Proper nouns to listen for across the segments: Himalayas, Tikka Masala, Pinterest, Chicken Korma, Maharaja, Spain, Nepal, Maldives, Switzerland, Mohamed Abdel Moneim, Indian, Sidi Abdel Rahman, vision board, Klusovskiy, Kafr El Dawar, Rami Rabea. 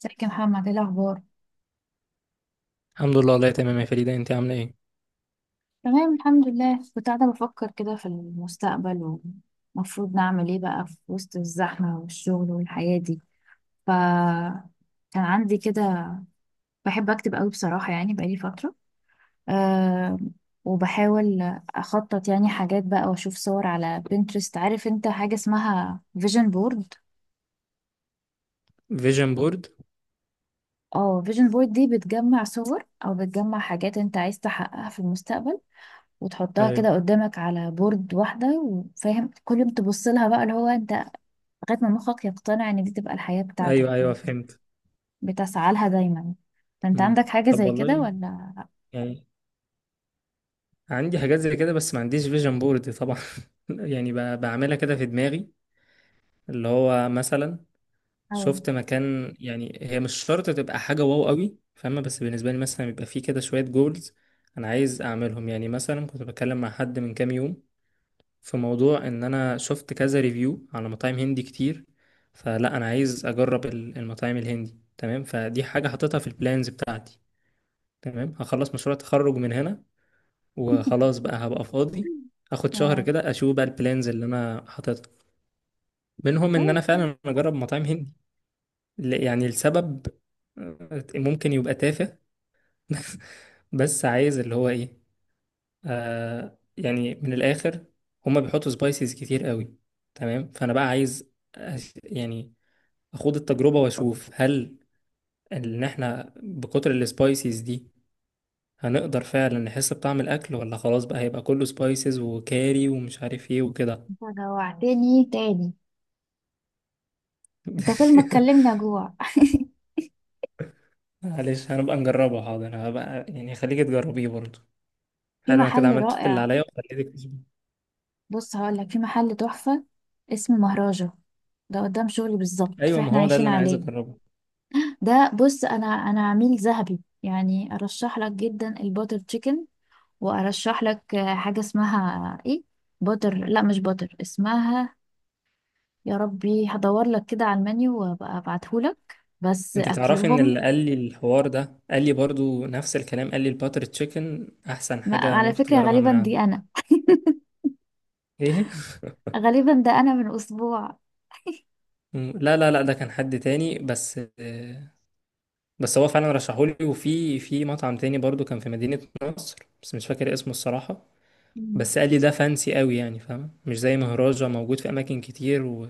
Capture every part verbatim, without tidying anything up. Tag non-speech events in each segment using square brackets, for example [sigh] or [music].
ازيك يا محمد؟ ايه الاخبار؟ الحمد لله، والله تمام يا فريدة. انت عاملة ايه؟ تمام الحمد لله. كنت قاعده بفكر كده في المستقبل، ومفروض نعمل ايه بقى في وسط الزحمه والشغل والحياه دي. ف كان عندي كده، بحب اكتب قوي بصراحه، يعني بقالي فتره. أه وبحاول اخطط يعني حاجات بقى واشوف صور على بنترست. عارف انت حاجه اسمها فيجن بورد؟ فيجن بورد. اه، فيجن بورد دي بتجمع صور او بتجمع حاجات انت عايز تحققها في المستقبل، وتحطها ايوه كده قدامك على بورد واحدة وفاهم كل يوم تبص لها بقى اللي هو انت، لغاية ما مخك يقتنع ان دي تبقى الحياة بتاعتك ايوه ايوه فانت فهمت. بتسعى لها دايما. فانت مم. عندك حاجة طب زي كده والله، ولا؟ يعني عندي حاجات زي كده بس ما عنديش فيجن بورد طبعا. [laughs] يعني ب- بعملها كده في دماغي. اللي هو مثلا أو. شفت مكان، يعني هي مش شرط تبقى حاجة واو قوي فاهمة، بس بالنسبة لي مثلا بيبقى فيه كده شوية جولز انا عايز اعملهم. يعني مثلا كنت بتكلم مع حد من كام يوم في موضوع ان انا شفت كذا ريفيو على مطاعم هندي كتير، فلا انا عايز اجرب ال- المطاعم الهندي. تمام، فدي حاجة حاططها في البلانز بتاعتي. تمام، هخلص مشروع التخرج من هنا [laughs] وخلاص بقى، هبقى فاضي. اخد شهر اه، كده اشوف بقى البلانز اللي انا حاططها، منهم ان طيب. انا طيب. فعلا اجرب مطاعم هندي. ل- يعني السبب ممكن يبقى تافه، [laughs] بس عايز اللي هو ايه، آه، يعني من الاخر، هما بيحطوا سبايسز كتير قوي. تمام، فانا بقى عايز أش- يعني اخوض التجربة واشوف هل ان احنا بكتر السبايسز دي هنقدر فعلا نحس بطعم الاكل، ولا خلاص بقى هيبقى كله سبايسز وكاري ومش عارف ايه وكده. انت جوعتني تاني. انت كل ما تكلمني [laughs] اجوع. معلش، هنبقى نجربه. حاضر، هبقى يعني خليك تجربيه برضه. [laughs] في حلو، انا كده محل عملت اللي رائع. عليا وخليتك تظبط. بص هقول لك في محل تحفة، اسمه مهراجة. ده قدام شغلي بالظبط ايوه، ما فاحنا هو ده عايشين اللي انا عايز عليه. اجربه. ده بص انا انا عميل ذهبي، يعني ارشح لك جدا الباتر تشيكن، وارشح لك آه، حاجه اسمها ايه. باتر، لا مش باتر اسمها. يا ربي هدور لك كده على المنيو وابقى ابعتهولك، بس انت تعرفي ان اكلهم. اللي قال لي الحوار ده قال لي برضو نفس الكلام، قال لي الباتر تشيكن احسن ما حاجة على ممكن فكره تجربها غالبا من دي عنده. انا. ايه؟ [laughs] غالبا ده انا من اسبوع. مم. لا لا لا ده كان حد تاني، بس آه، بس هو فعلا رشحولي، وفي في مطعم تاني برضو كان في مدينة نصر، بس مش فاكر اسمه الصراحة. مم. بس قال لي ده فانسي قوي، يعني فاهم، مش زي مهراجة موجود في اماكن كتير و...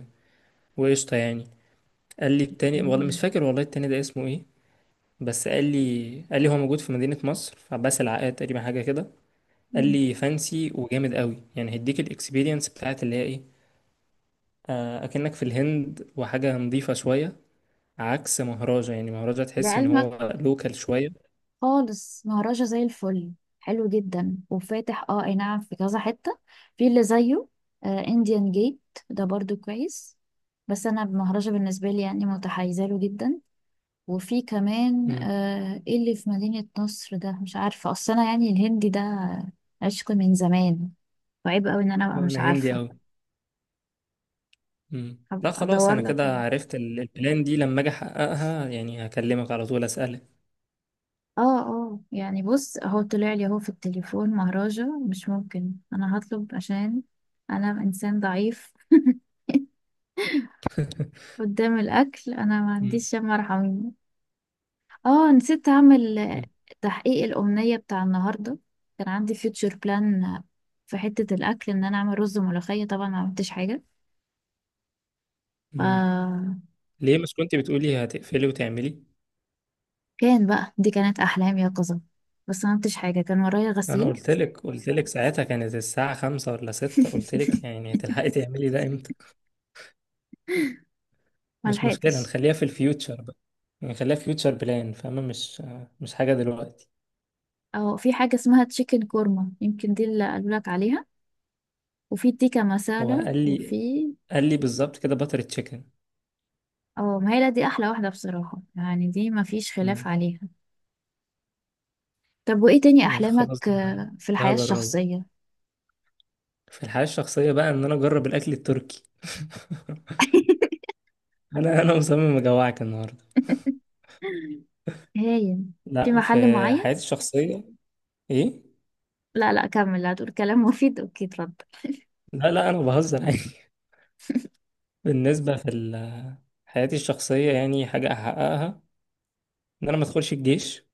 وقشطة يعني. قال لي التاني، والله مش مم. فاكر والله التاني ده اسمه ايه، بس قال لي قال لي هو موجود في مدينة مصر في عباس العقاد تقريبا، حاجة كده. قال مم. لي فانسي وجامد قوي، يعني هيديك الاكسبيرينس بتاعت اللي هي ايه، آه، اكنك في الهند، وحاجه نظيفه شويه عكس مهرجة. يعني مهرجة تحسي ان لعلمك هو لوكال شويه. خالص مهرجة زي الفل، حلو جدا وفاتح. اه اي نعم، في كذا حتة في اللي زيه. انديان جيت ده برضو كويس، بس انا مهرجة بالنسبة لي يعني متحيزة له جدا. وفي كمان امم، آه إيه اللي في مدينة نصر ده؟ مش عارفة. اصل انا يعني الهندي ده عشق من زمان، وعيب قوي ان انا ابقى مش انا هندي عارفة. قوي. امم، لا هبقى خلاص، ادور انا لك. كده عرفت ال- البلان دي، لما اجي احققها يعني هكلمك على طول اسالك. اه اه، يعني بص اهو طلع لي اهو في التليفون مهرجة مش ممكن انا هطلب، عشان انا انسان ضعيف. [laughs] [laughs] قدام الأكل أنا ما مم. عنديش يا مرحمين. اه نسيت أعمل آه، مم. تحقيق الأمنية بتاع النهاردة. كان عندي فيوتشر بلان في حتة الأكل، إن أنا أعمل رز وملوخية، طبعا ما عملتش حاجة. ف مم. ليه مش كنت بتقولي هتقفلي وتعملي؟ كان بقى دي كانت أحلام يقظة، بس ما عملتش حاجة، كان ورايا انا غسيل. قلت لك قلت لك ساعتها كانت الساعه خمسة ولا ستة، قلت لك [laughs] يعني هتلحقي تعملي ده. مش مشكلة، ملحقتش. نخليها في الفيوتشر بقى. نخليها فيوتشر بلان، فاهمة؟ مش مش حاجة دلوقتي. أو في حاجة اسمها تشيكن كورما، يمكن دي اللي قالولك عليها. وفي تيكا هو مسالة، قال لي، وفي. قال لي بالظبط كده باتر تشيكن. اه، ما هي لا دي أحلى واحدة بصراحة، يعني دي ما فيش خلاف مم. عليها. طب وإيه تاني مش خلاص أحلامك ده، آه، في ده الحياة هجربه. الشخصية؟ في الحياة الشخصية بقى ان انا اجرب الاكل التركي. [laughs] [laughs] انا انا مصمم اجوعك النهاردة. هايل. في لا، في محل معين؟ حياتي الشخصية. ايه؟ لا لا، كمل هتقول كلام مفيد، أوكي اتفضل. لا لا، انا بهزر عادي. [laughs] بالنسبة في ال- حياتي الشخصية، يعني حاجة احققها ان انا ما ادخلش الجيش.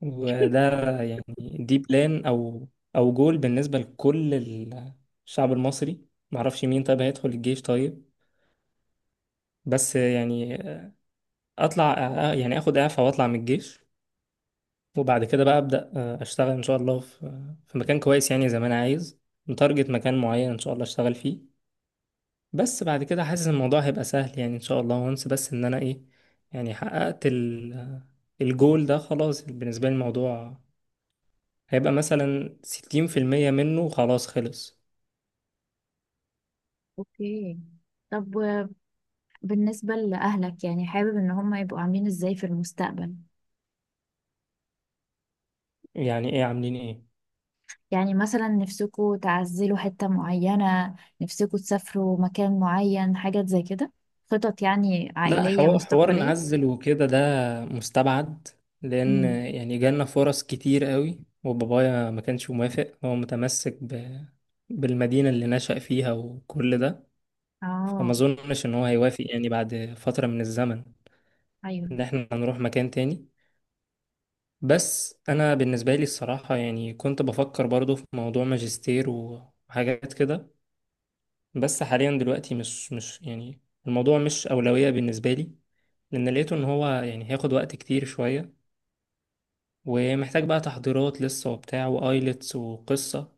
وده يعني دي بلان او او جول بالنسبه لكل الشعب المصري. معرفش مين طيب هيدخل الجيش طيب، بس يعني اطلع، يعني اخد اعفاء واطلع من الجيش. وبعد كده بقى ابدا آه، اشتغل ان شاء الله في في مكان كويس، يعني زي ما انا عايز. متارجت مكان معين ان شاء الله اشتغل فيه. بس بعد كده حاسس الموضوع هيبقى سهل يعني ان شاء الله، وانس بس ان انا ايه، يعني حققت ال- الجول ده خلاص. بالنسبه لي الموضوع هيبقى مثلا ستين في المية منه، خلاص خلص. أوكي طب و- بالنسبة لأهلك، يعني حابب إن هم يبقوا عاملين إزاي في المستقبل؟ يعني ايه عاملين ايه؟ يعني مثلا نفسكوا تعزلوا حتة معينة، نفسكوا تسافروا مكان معين، حاجات زي كده. خطط يعني لا، عائلية حوار حوار مستقبلية؟ نعزل وكده ده مستبعد. لان امم. يعني جالنا فرص كتير قوي، وبابايا ما كانش موافق، هو متمسك ب... بالمدينة اللي نشأ فيها وكل ده. فما اه. اظنش ان هو هيوافق يعني بعد فترة من الزمن ايوه. ان احنا هنروح مكان تاني. بس انا بالنسبة لي الصراحة يعني كنت بفكر برضو في موضوع ماجستير وحاجات كده، بس حاليا دلوقتي مش مش يعني الموضوع مش أولوية بالنسبة لي، لأن لقيته إن هو يعني هياخد وقت كتير شوية ومحتاج بقى تحضيرات لسه وبتاع وآيلتس وقصة.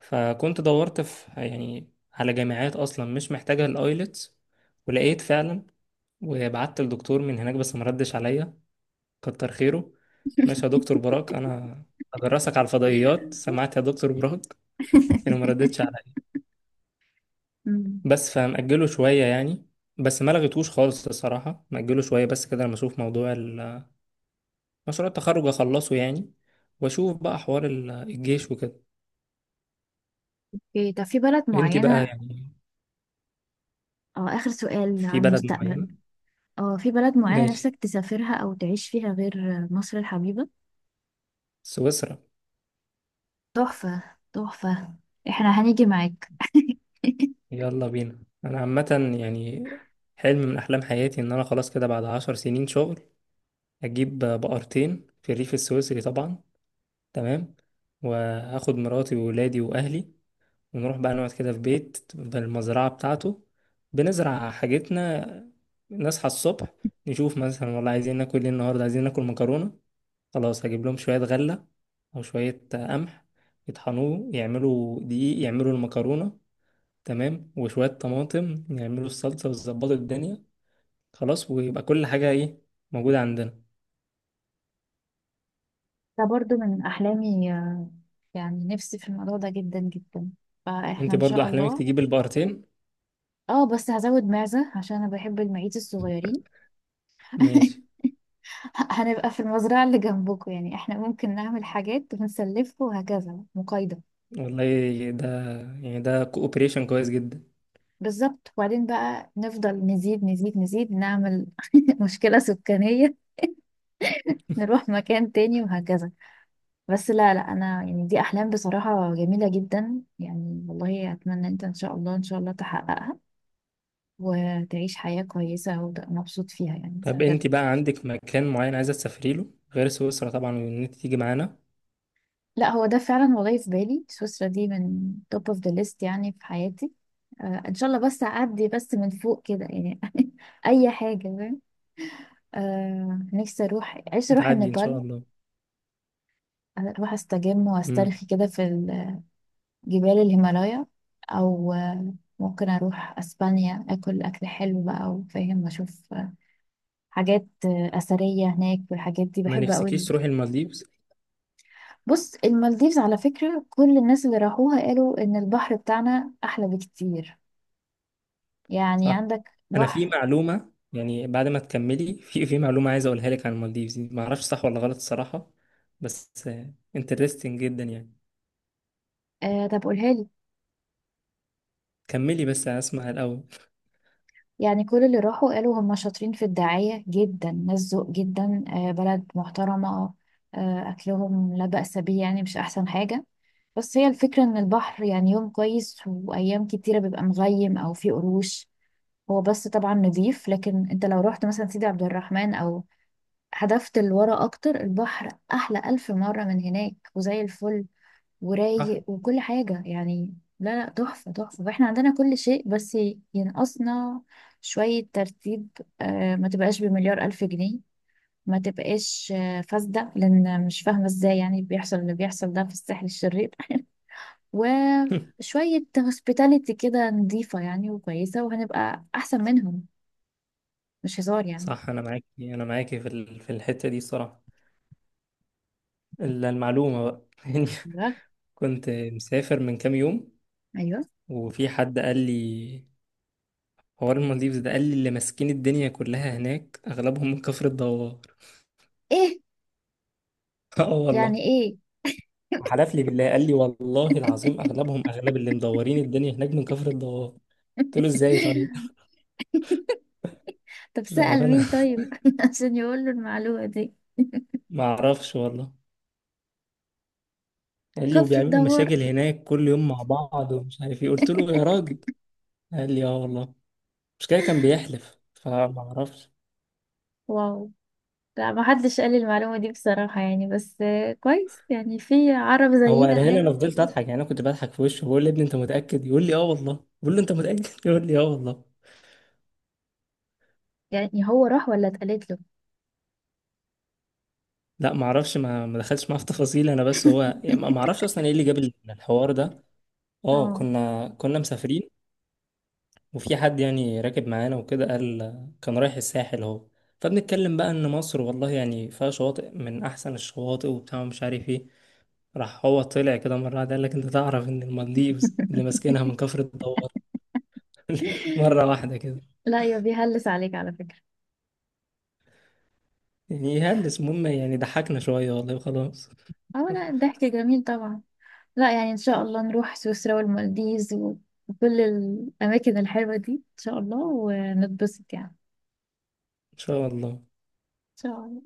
فكنت دورت في، يعني على جامعات أصلا مش محتاجة الآيلتس، ولقيت فعلا، وبعت للدكتور من هناك بس مردش عليا. كتر خيره، ماشي يا دكتور براك. أنا هدرسك على الفضائيات، [laughs] سمعت يا دكتور براك؟ أنا مردتش. امم. بس فمأجله شوية يعني، بس ما لغيتهوش خالص الصراحة. مأجله شوية بس كده لما أشوف موضوع ال- مشروع التخرج أخلصه يعني، وأشوف بقى حوار ال- الجيش وكده. اوكي طب في بلد أنتي بقى معينة. يعني. اه آخر سؤال في عن بلد المستقبل. معينة؟ اه في بلد معينة ماشي، نفسك تسافرها أو تعيش فيها غير مصر الحبيبة؟ سويسرا. تحفة. تحفة. احنا هنيجي معاك. [laughs] يلا بينا. أنا عامة يعني حلم من أحلام حياتي إن أنا خلاص كده بعد عشر سنين شغل أجيب بقرتين في الريف السويسري طبعا. تمام، وهاخد مراتي وولادي وأهلي، بنروح بقى نقعد كده في بيت بالمزرعة بتاعته، بنزرع حاجتنا، نصحى الصبح، نشوف مثلا والله عايزين ناكل ايه النهاردة. عايزين ناكل مكرونة، خلاص هجيب لهم شوية غلة أو شوية قمح، يطحنوه يعملوا دقيق يعملوا المكرونة. تمام، وشوية طماطم يعملوا الصلصة ويظبطوا الدنيا. خلاص، ويبقى كل حاجة ايه، موجودة عندنا. ده برضو من أحلامي، آه، يعني نفسي في الموضوع ده جدا جدا. فاحنا انت إن برضو شاء أحلامك الله. تجيب البقرتين؟ اه بس هزود معزة، عشان أنا بحب المعيز الصغيرين. ماشي، [laughs] هنبقى في المزرعة اللي جنبكم، يعني احنا ممكن نعمل حاجات ونسلفكم وهكذا، مقايضة. والله ده يعني ده كوبريشن كويس جدا. بالظبط. وبعدين بقى نفضل نزيد نزيد نزيد، نعمل [laughs] مشكلة سكانية، نروح مكان تاني وهكذا. بس لا لا، أنا يعني دي أحلام بصراحة جميلة جدا، يعني والله أتمنى أنت إن شاء الله، إن شاء الله تحققها، وتعيش حياة كويسة وتبقى مبسوط فيها يعني طب انت بجد. بقى عندك مكان معين عايزة تسافري له غير سويسرا طبعا، وان انت تيجي معانا؟ لا هو ده فعلا، والله في بالي سويسرا دي من توب اوف ذا ليست يعني في حياتي. آه إن شاء الله، بس أعدي بس من فوق كده يعني. [laughs] أي حاجة فاهم. آه نفسي أروح، عايزة أروح هتعدي ان شاء النيبال، الله. اروح استجم امم، واسترخي كده في ال- جبال الهيمالايا. او آه، ممكن اروح اسبانيا، اكل اكل حلو بقى، وفاهم اشوف آه، حاجات آه، اثريه هناك. والحاجات دي ما بحب نفسكيش قوي. تروحي المالديفز؟ بص المالديفز على فكره، كل الناس اللي راحوها قالوا ان البحر بتاعنا احلى بكتير، يعني صح. عندك انا في بحر. معلومة يعني بعد ما تكملي، في في معلومة عايز اقولها لك عن المالديفز دي، ما اعرفش صح ولا غلط الصراحة، بس انترستنج جدا يعني. آه طب قولها لي. كملي بس انا اسمع الاول. يعني كل اللي راحوا قالوا هم شاطرين في الدعايه جدا، ناس ذوق جدا، آه بلد محترمه، آه اكلهم لا بأس به، يعني مش احسن حاجه. بس هي الفكرة ان البحر يعني يوم كويس وايام كتيرة بيبقى مغيم او فيه قروش. هو بس طبعا نضيف، لكن انت لو رحت مثلا سيدي عبد الرحمن او هدفت لورا اكتر، البحر احلى الف مرة من هناك وزي الفل، [laughs] صح. ورايق وكل حاجة يعني. لا لا تحفة. تحفة. واحنا عندنا كل شيء، بس ينقصنا شوية ترتيب. آه، ما تبقاش بمليار الف جنيه، ما تبقاش آه، فاسدة، لان مش فاهمة ازاي يعني بيحصل اللي بيحصل ده في الساحل الشرير. [laughs] وشوية هوسبيتاليتي كده نظيفة يعني وكويسة، وهنبقى أحسن منهم. مش هزار يعني. صح، انا معاكي، انا معاكي في ال- في الحتة دي الصراحة. الا المعلومة بقى. [laughs] يعني بجد؟ كنت مسافر من كام يوم، أيوه. وفي حد قال لي حوار المالديفز ده، قال لي اللي ماسكين الدنيا كلها هناك اغلبهم من كفر الدوار. إيه؟ [laughs] اه يعني والله. إيه؟ وحلف لي بالله، قال لي والله العظيم اغلبهم، اغلب اللي مدورين الدنيا هناك من كفر الدوار. قلت له ازاي طيب؟ [laughs] طب [laughs] سأل بامانه مين طيب [laughs] عشان يقول له المعلومة دي؟ ما اعرفش والله. قال لي كفر وبيعملوا الدوار؟ مشاكل هناك كل يوم مع بعض ومش عارف ايه. قلت له يا [laughs] راجل. قال لي اه والله، مش كده كان بيحلف، فما اعرفش. واو. لا ما حدش قال لي المعلومة دي بصراحة، يعني بس آه، كويس يعني في عرب هو زينا قالها لي هناك. انا فضلت اضحك يعني، انا كنت بضحك في وشه بقول له يا ابني انت متاكد، يقول لي اه والله، بقول له انت متاكد، [laughs] يقول لي اه والله. يعني هو راح ولا اتقالت له؟ لا ما اعرفش، ما ما دخلتش معاه في تفاصيل. انا بس هو يعني ما ما اعرفش اصلا ايه اللي جاب الحوار ده. اه، اه. كنا كنا مسافرين، وفي حد يعني راكب معانا وكده، قال، كان رايح الساحل اهو، فبنتكلم بقى ان مصر والله يعني فيها شواطئ من احسن الشواطئ وبتاع ومش عارف ايه. راح هو طلع كده مره واحده قال لك انت تعرف ان المالديفز اللي ماسكينها من [laughs] كفر الدوار؟ [laughs] مره واحده كده. لا يا بيهلس عليك على فكرة. يعني يهلس، المهم يعني ضحكنا شويه والله وخلاص. اه لا [laughs] الضحك جميل طبعا. لا يعني ان شاء الله نروح سويسرا والمالديز، وكل الاماكن الحلوة دي ان شاء الله، ونتبسط يعني ان ان شاء الله. شاء الله.